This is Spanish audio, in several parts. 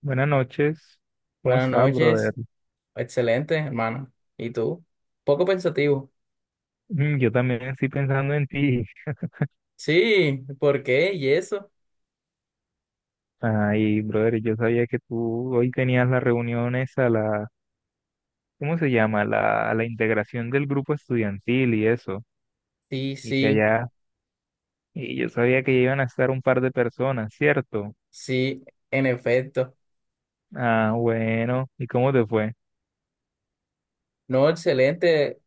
Buenas noches, ¿cómo Buenas estás, noches, brother? excelente, hermano. ¿Y tú? Poco pensativo. Mm, yo también estoy pensando en ti. Sí, ¿por qué? ¿Y eso? Ay, brother, yo sabía que tú hoy tenías las reuniones a la, ¿cómo se llama? A la integración del grupo estudiantil y eso, Sí, y que sí, allá, y yo sabía que iban a estar un par de personas, ¿cierto? sí, en efecto. Ah, bueno, ¿y cómo te fue? No, excelente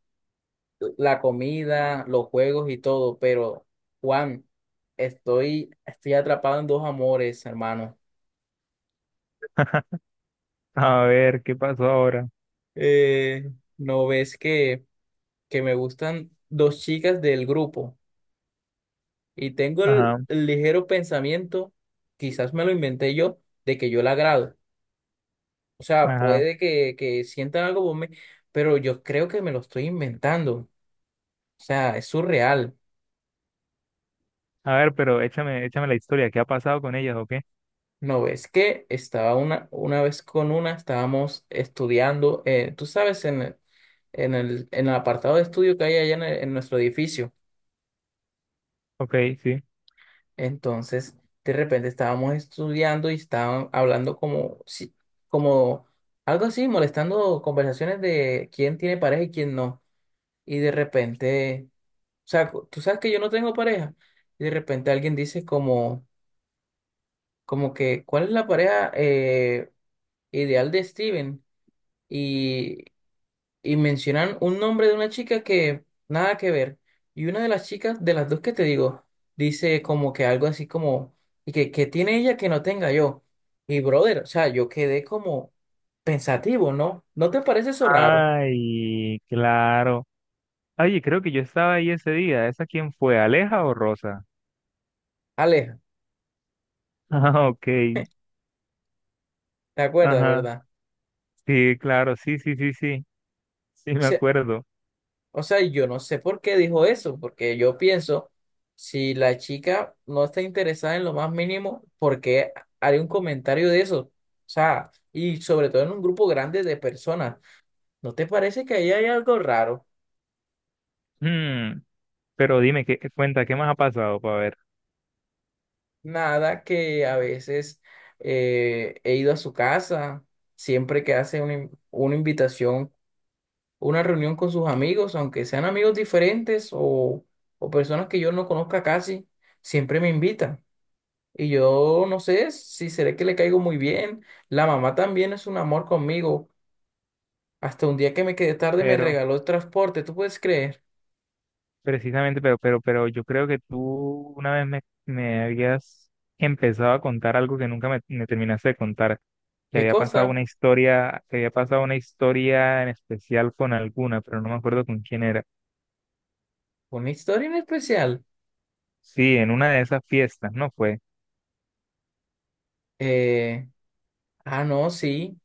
la comida, los juegos y todo, pero Juan, estoy atrapado en dos amores, hermano. A ver, ¿qué pasó ahora? Eh, ¿No ves que me gustan dos chicas del grupo? Y tengo el Ajá, el ligero pensamiento, quizás me lo inventé yo, de que yo la agrado. O sea, ajá. puede que sientan algo por mí, pero yo creo que me lo estoy inventando. O sea, es surreal. A ver, pero échame, échame la historia, ¿qué ha pasado con ellas o qué? ¿No ves que estaba una vez con una, estábamos estudiando, tú sabes, en en el apartado de estudio que hay allá en, en nuestro edificio. Ok, sí. Entonces, de repente estábamos estudiando y estaban hablando como, como algo así, molestando conversaciones de quién tiene pareja y quién no. Y de repente... O sea, tú sabes que yo no tengo pareja. Y de repente alguien dice como, como que, ¿cuál es la pareja ideal de Steven? Y, y mencionan un nombre de una chica que nada que ver. Y una de las chicas, de las dos que te digo, dice como que algo así como, y que tiene ella que no tenga yo. Y brother, o sea, yo quedé como pensativo, ¿no? ¿No te parece eso raro? Ay, claro. Oye, creo que yo estaba ahí ese día. ¿Esa quién fue? ¿Aleja o Rosa? Aleja, Ah, ok. ¿te acuerdas, Ajá. verdad? Sí, claro. Sí, sí, sí, sí. Sí, me acuerdo. O sea, yo no sé por qué dijo eso, porque yo pienso, si la chica no está interesada en lo más mínimo, ¿por qué haría un comentario de eso? O sea, y sobre todo en un grupo grande de personas, ¿no te parece que ahí hay algo raro? Mm, pero dime, ¿qué cuenta? ¿Qué más ha pasado para ver? Nada que a veces he ido a su casa, siempre que hace una, una invitación, una reunión con sus amigos, aunque sean amigos diferentes o personas que yo no conozca casi, siempre me invita. Y yo no sé si será que le caigo muy bien. La mamá también es un amor conmigo. Hasta un día que me quedé tarde me Pero, regaló el transporte. ¿Tú puedes creer? precisamente, pero, pero, pero yo creo que tú una vez me habías empezado a contar algo que nunca me terminaste de contar. Que ¿Qué había pasado cosa? una historia, que había pasado una historia en especial con alguna, pero no me acuerdo con quién era. Una historia en especial. Sí, en una de esas fiestas, ¿no fue? Eh, no, sí,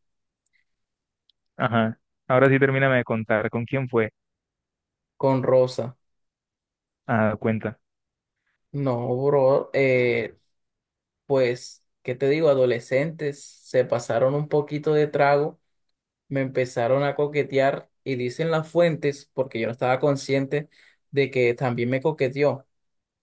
Ajá. Ahora sí termíname de contar con quién fue. con Rosa. Ah, cuenta. No, bro. Pues, ¿qué te digo? Adolescentes se pasaron un poquito de trago, me empezaron a coquetear y dicen las fuentes, porque yo no estaba consciente de que también me coqueteó.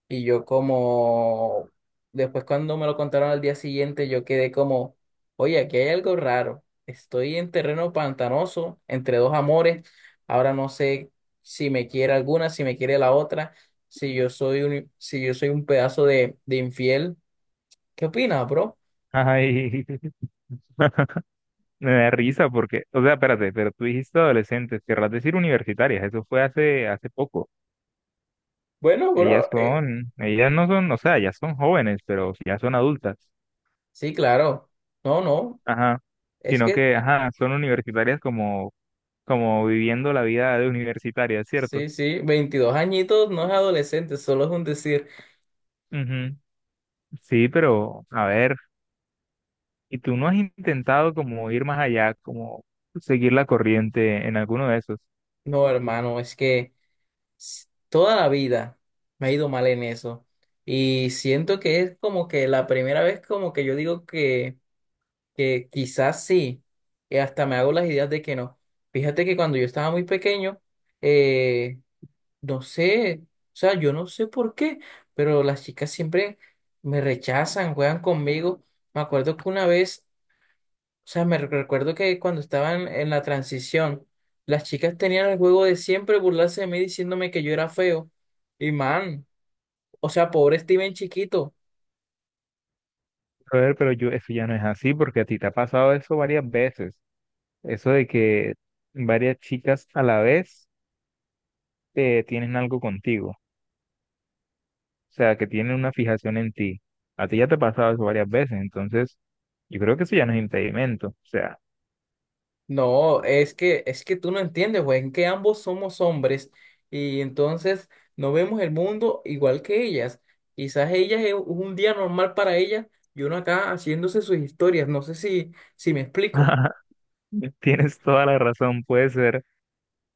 Y yo como, después cuando me lo contaron al día siguiente, yo quedé como, oye, aquí hay algo raro. Estoy en terreno pantanoso, entre dos amores. Ahora no sé si me quiere alguna, si me quiere la otra, si yo soy un pedazo de infiel. ¿Qué opinas, bro? Ay, me da risa porque, o sea, espérate, pero tú dijiste adolescentes, querrás decir universitarias, eso fue hace poco. Bueno, Ellas bro, son, ellas no son, o sea, ellas son jóvenes, pero ya son adultas. sí, claro. No, no, Ajá. es Sino que, que, ajá, son universitarias como, como viviendo la vida de universitaria, ¿cierto? sí, sí, 22 añitos no es adolescente, solo es un decir. Ujú. Sí, pero, a ver, ¿y tú no has intentado como ir más allá, como seguir la corriente en alguno de esos? No, hermano, es que... toda la vida me ha ido mal en eso. Y siento que es como que la primera vez como que yo digo que quizás sí, y hasta me hago las ideas de que no. Fíjate que cuando yo estaba muy pequeño, eh, no sé, o sea, yo no sé por qué, pero las chicas siempre me rechazan, juegan conmigo. Me acuerdo que una vez o sea, me recuerdo que cuando estaban en la transición, las chicas tenían el juego de siempre burlarse de mí diciéndome que yo era feo. Y man, o sea, pobre Steven chiquito. Brother, pero yo, eso ya no es así, porque a ti te ha pasado eso varias veces. Eso de que varias chicas a la vez tienen algo contigo. O sea, que tienen una fijación en ti. A ti ya te ha pasado eso varias veces. Entonces, yo creo que eso ya no es impedimento. O sea, No, es que tú no entiendes, güey, en que ambos somos hombres y entonces no vemos el mundo igual que ellas. Quizás ellas es un día normal para ellas y uno acá haciéndose sus historias. No sé si me explico. tienes toda la razón.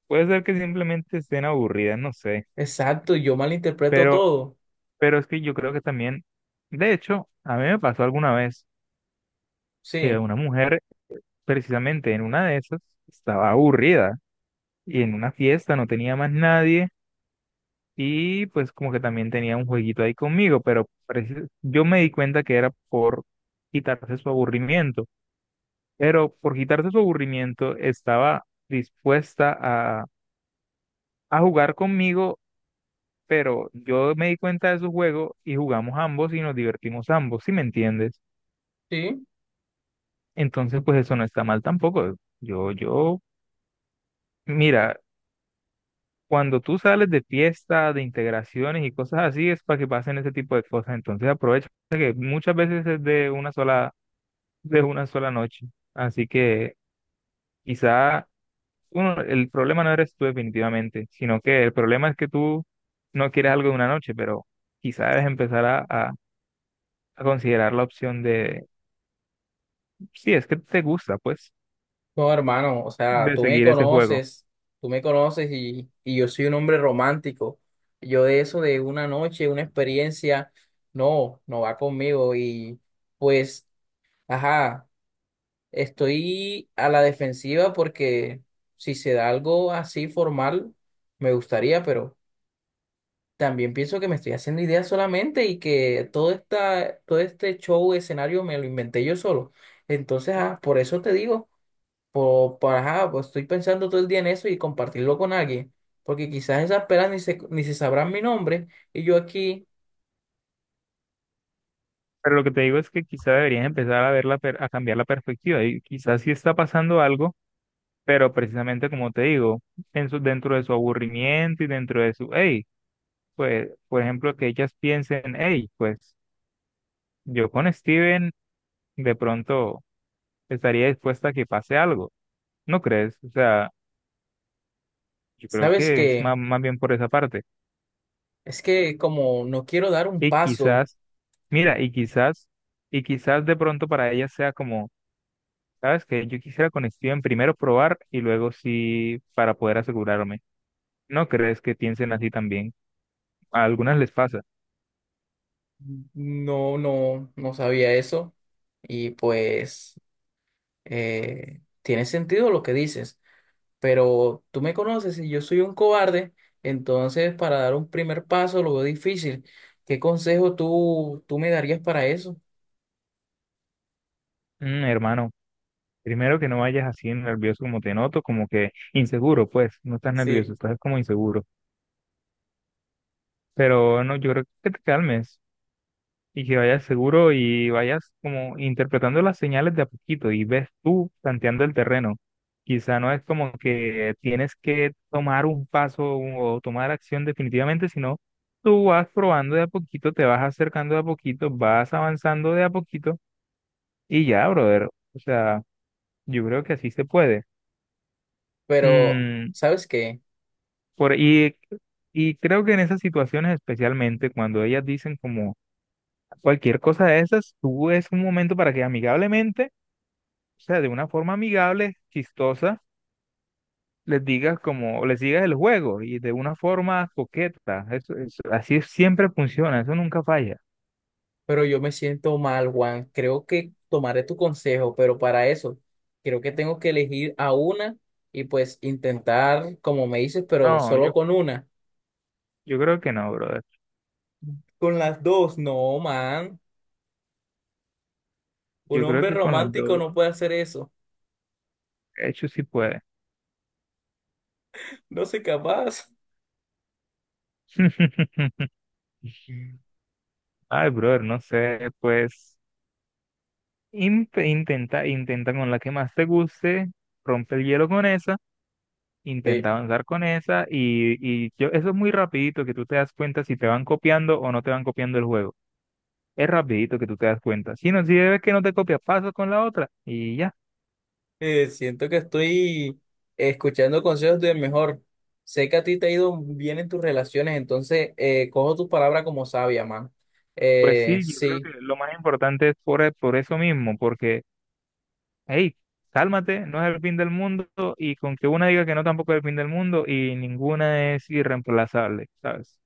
Puede ser que simplemente estén aburridas, no sé. Exacto, yo malinterpreto Pero, todo. pero es que yo creo que también, de hecho, a mí me pasó alguna vez que Sí, una mujer, precisamente en una de esas, estaba aburrida y en una fiesta no tenía más nadie y pues como que también tenía un jueguito ahí conmigo, pero parece- yo me di cuenta que era por quitarse su aburrimiento, pero por quitarse su aburrimiento estaba dispuesta a jugar conmigo, pero yo me di cuenta de su juego y jugamos ambos y nos divertimos ambos, ¿si me entiendes? sí. Entonces pues eso no está mal tampoco. Yo, yo, mira. Cuando tú sales de fiestas, de integraciones y cosas así, es para que pasen ese tipo de cosas. Entonces aprovecha que muchas veces es de una sola noche. Así que quizá uno, el problema no eres tú definitivamente, sino que el problema es que tú no quieres algo de una noche, pero quizá debes empezar a considerar la opción de, si es que te gusta, pues, No, hermano, o sea, de seguir ese juego. Tú me conoces y yo soy un hombre romántico. Yo de eso, de una noche, una experiencia, no, no va conmigo. Y pues, ajá, estoy a la defensiva porque si se da algo así formal, me gustaría, pero también pienso que me estoy haciendo ideas solamente y que todo este show, escenario, me lo inventé yo solo. Entonces, ah, por eso te digo. Ajá, pues estoy pensando todo el día en eso y compartirlo con alguien, porque quizás esas pelas ni se sabrán mi nombre y yo aquí, Pero lo que te digo es que quizá deberías empezar a verla, a cambiar la perspectiva y quizás si está pasando algo. Pero precisamente como te digo, en su- dentro de su aburrimiento y dentro de su, hey, pues, por ejemplo, que ellas piensen, hey, pues yo con Steven de pronto estaría dispuesta a que pase algo, ¿no crees? O sea, yo creo ¿sabes que es qué? má- más, bien por esa parte. Es que como no quiero dar un Y paso, quizás, mira, y quizás de pronto para ellas sea como, ¿sabes que Yo quisiera con Steven primero probar y luego sí para poder asegurarme. ¿No crees que piensen así también? A algunas les pasa. no, no, no sabía eso y pues tiene sentido lo que dices, pero tú me conoces y yo soy un cobarde, entonces para dar un primer paso lo veo difícil. ¿Qué consejo tú me darías para eso? Mm, hermano. Primero que no vayas así nervioso como te noto, como que inseguro, pues, no estás nervioso, Sí. estás como inseguro. Pero no, yo creo que te calmes y que vayas seguro y vayas como interpretando las señales de a poquito y ves tú tanteando el terreno. Quizá no es como que tienes que tomar un paso o tomar acción definitivamente, sino tú vas probando de a poquito, te vas acercando de a poquito, vas avanzando de a poquito y ya, brother. O sea, yo creo que así se puede. Pero, Mm, ¿sabes qué? Por, y, y creo que en esas situaciones, especialmente cuando ellas dicen como cualquier cosa de esas, tú es un momento para que amigablemente, o sea, de una forma amigable, chistosa, les digas como, les digas el juego y de una forma coqueta. Eso- así siempre funciona, eso nunca falla. Pero yo me siento mal, Juan. Creo que tomaré tu consejo, pero para eso creo que tengo que elegir a una y pues intentar, como me dices, pero No, solo yo, con una. yo creo que no, brother. Con las dos, no, man. Un Yo creo hombre que con las romántico dos no puede hacer eso. hechos sí puede. No soy capaz. Mm. Ay, brother, no sé, pues in- intenta, intenta con la que más te guste, rompe el hielo con esa. Sí. Intenta avanzar con esa eso es muy rapidito que tú te das cuenta si te van copiando o no te van copiando el juego. Es rapidito que tú te das cuenta. Si no, si ves que no te copia, pasas con la otra y ya. Siento que estoy escuchando consejos del mejor. Sé que a ti te ha ido bien en tus relaciones, entonces cojo tus palabras como sabia, man. Pues sí, yo creo que Sí. lo más importante es por, e- por eso mismo, porque, hey, cálmate, no es el fin del mundo y con que una diga que no tampoco es el fin del mundo y ninguna es irreemplazable, ¿sabes?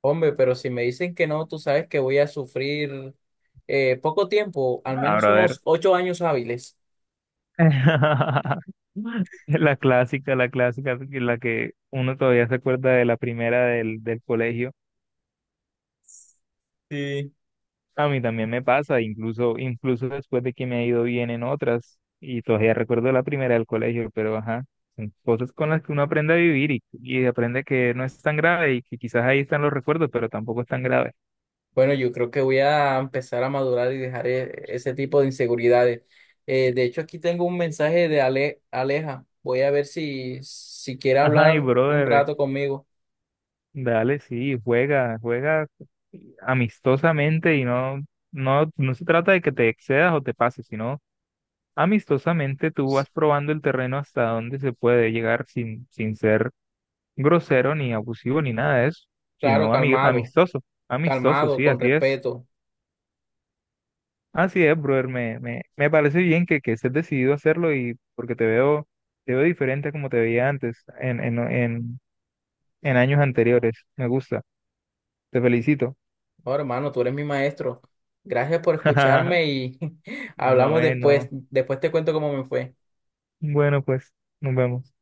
Hombre, pero si me dicen que no, tú sabes que voy a sufrir poco tiempo, al No, menos brother. unos 8 años hábiles. La clásica, que- la que uno todavía se acuerda de la primera del colegio. Sí. A mí también me pasa, incluso, incluso después de que me ha ido bien en otras, y todavía recuerdo la primera del colegio, pero ajá, son cosas con las que uno aprende a vivir y aprende que no es tan grave y que quizás ahí están los recuerdos, pero tampoco es tan grave. Bueno, yo creo que voy a empezar a madurar y dejar ese tipo de inseguridades. De hecho, aquí tengo un mensaje de Aleja. Voy a ver si quiere Ajá, y hablar un brother, rato conmigo. dale, sí, juega, juega amistosamente y no, se trata de que te excedas o te pases, sino amistosamente tú vas probando el terreno hasta donde se puede llegar sin ser grosero ni abusivo ni nada de eso, Claro, sino ami- calmado, amistoso, amistoso, calmado, sí, con así es. respeto. Así es, brother, me parece bien que estés decidido a hacerlo y porque te veo diferente a como te veía antes, en años anteriores. Me gusta, te felicito. Oh, hermano, tú eres mi maestro. Gracias por escucharme y No, hablamos después. no. Después te cuento cómo me fue. Bueno, pues, nos vemos.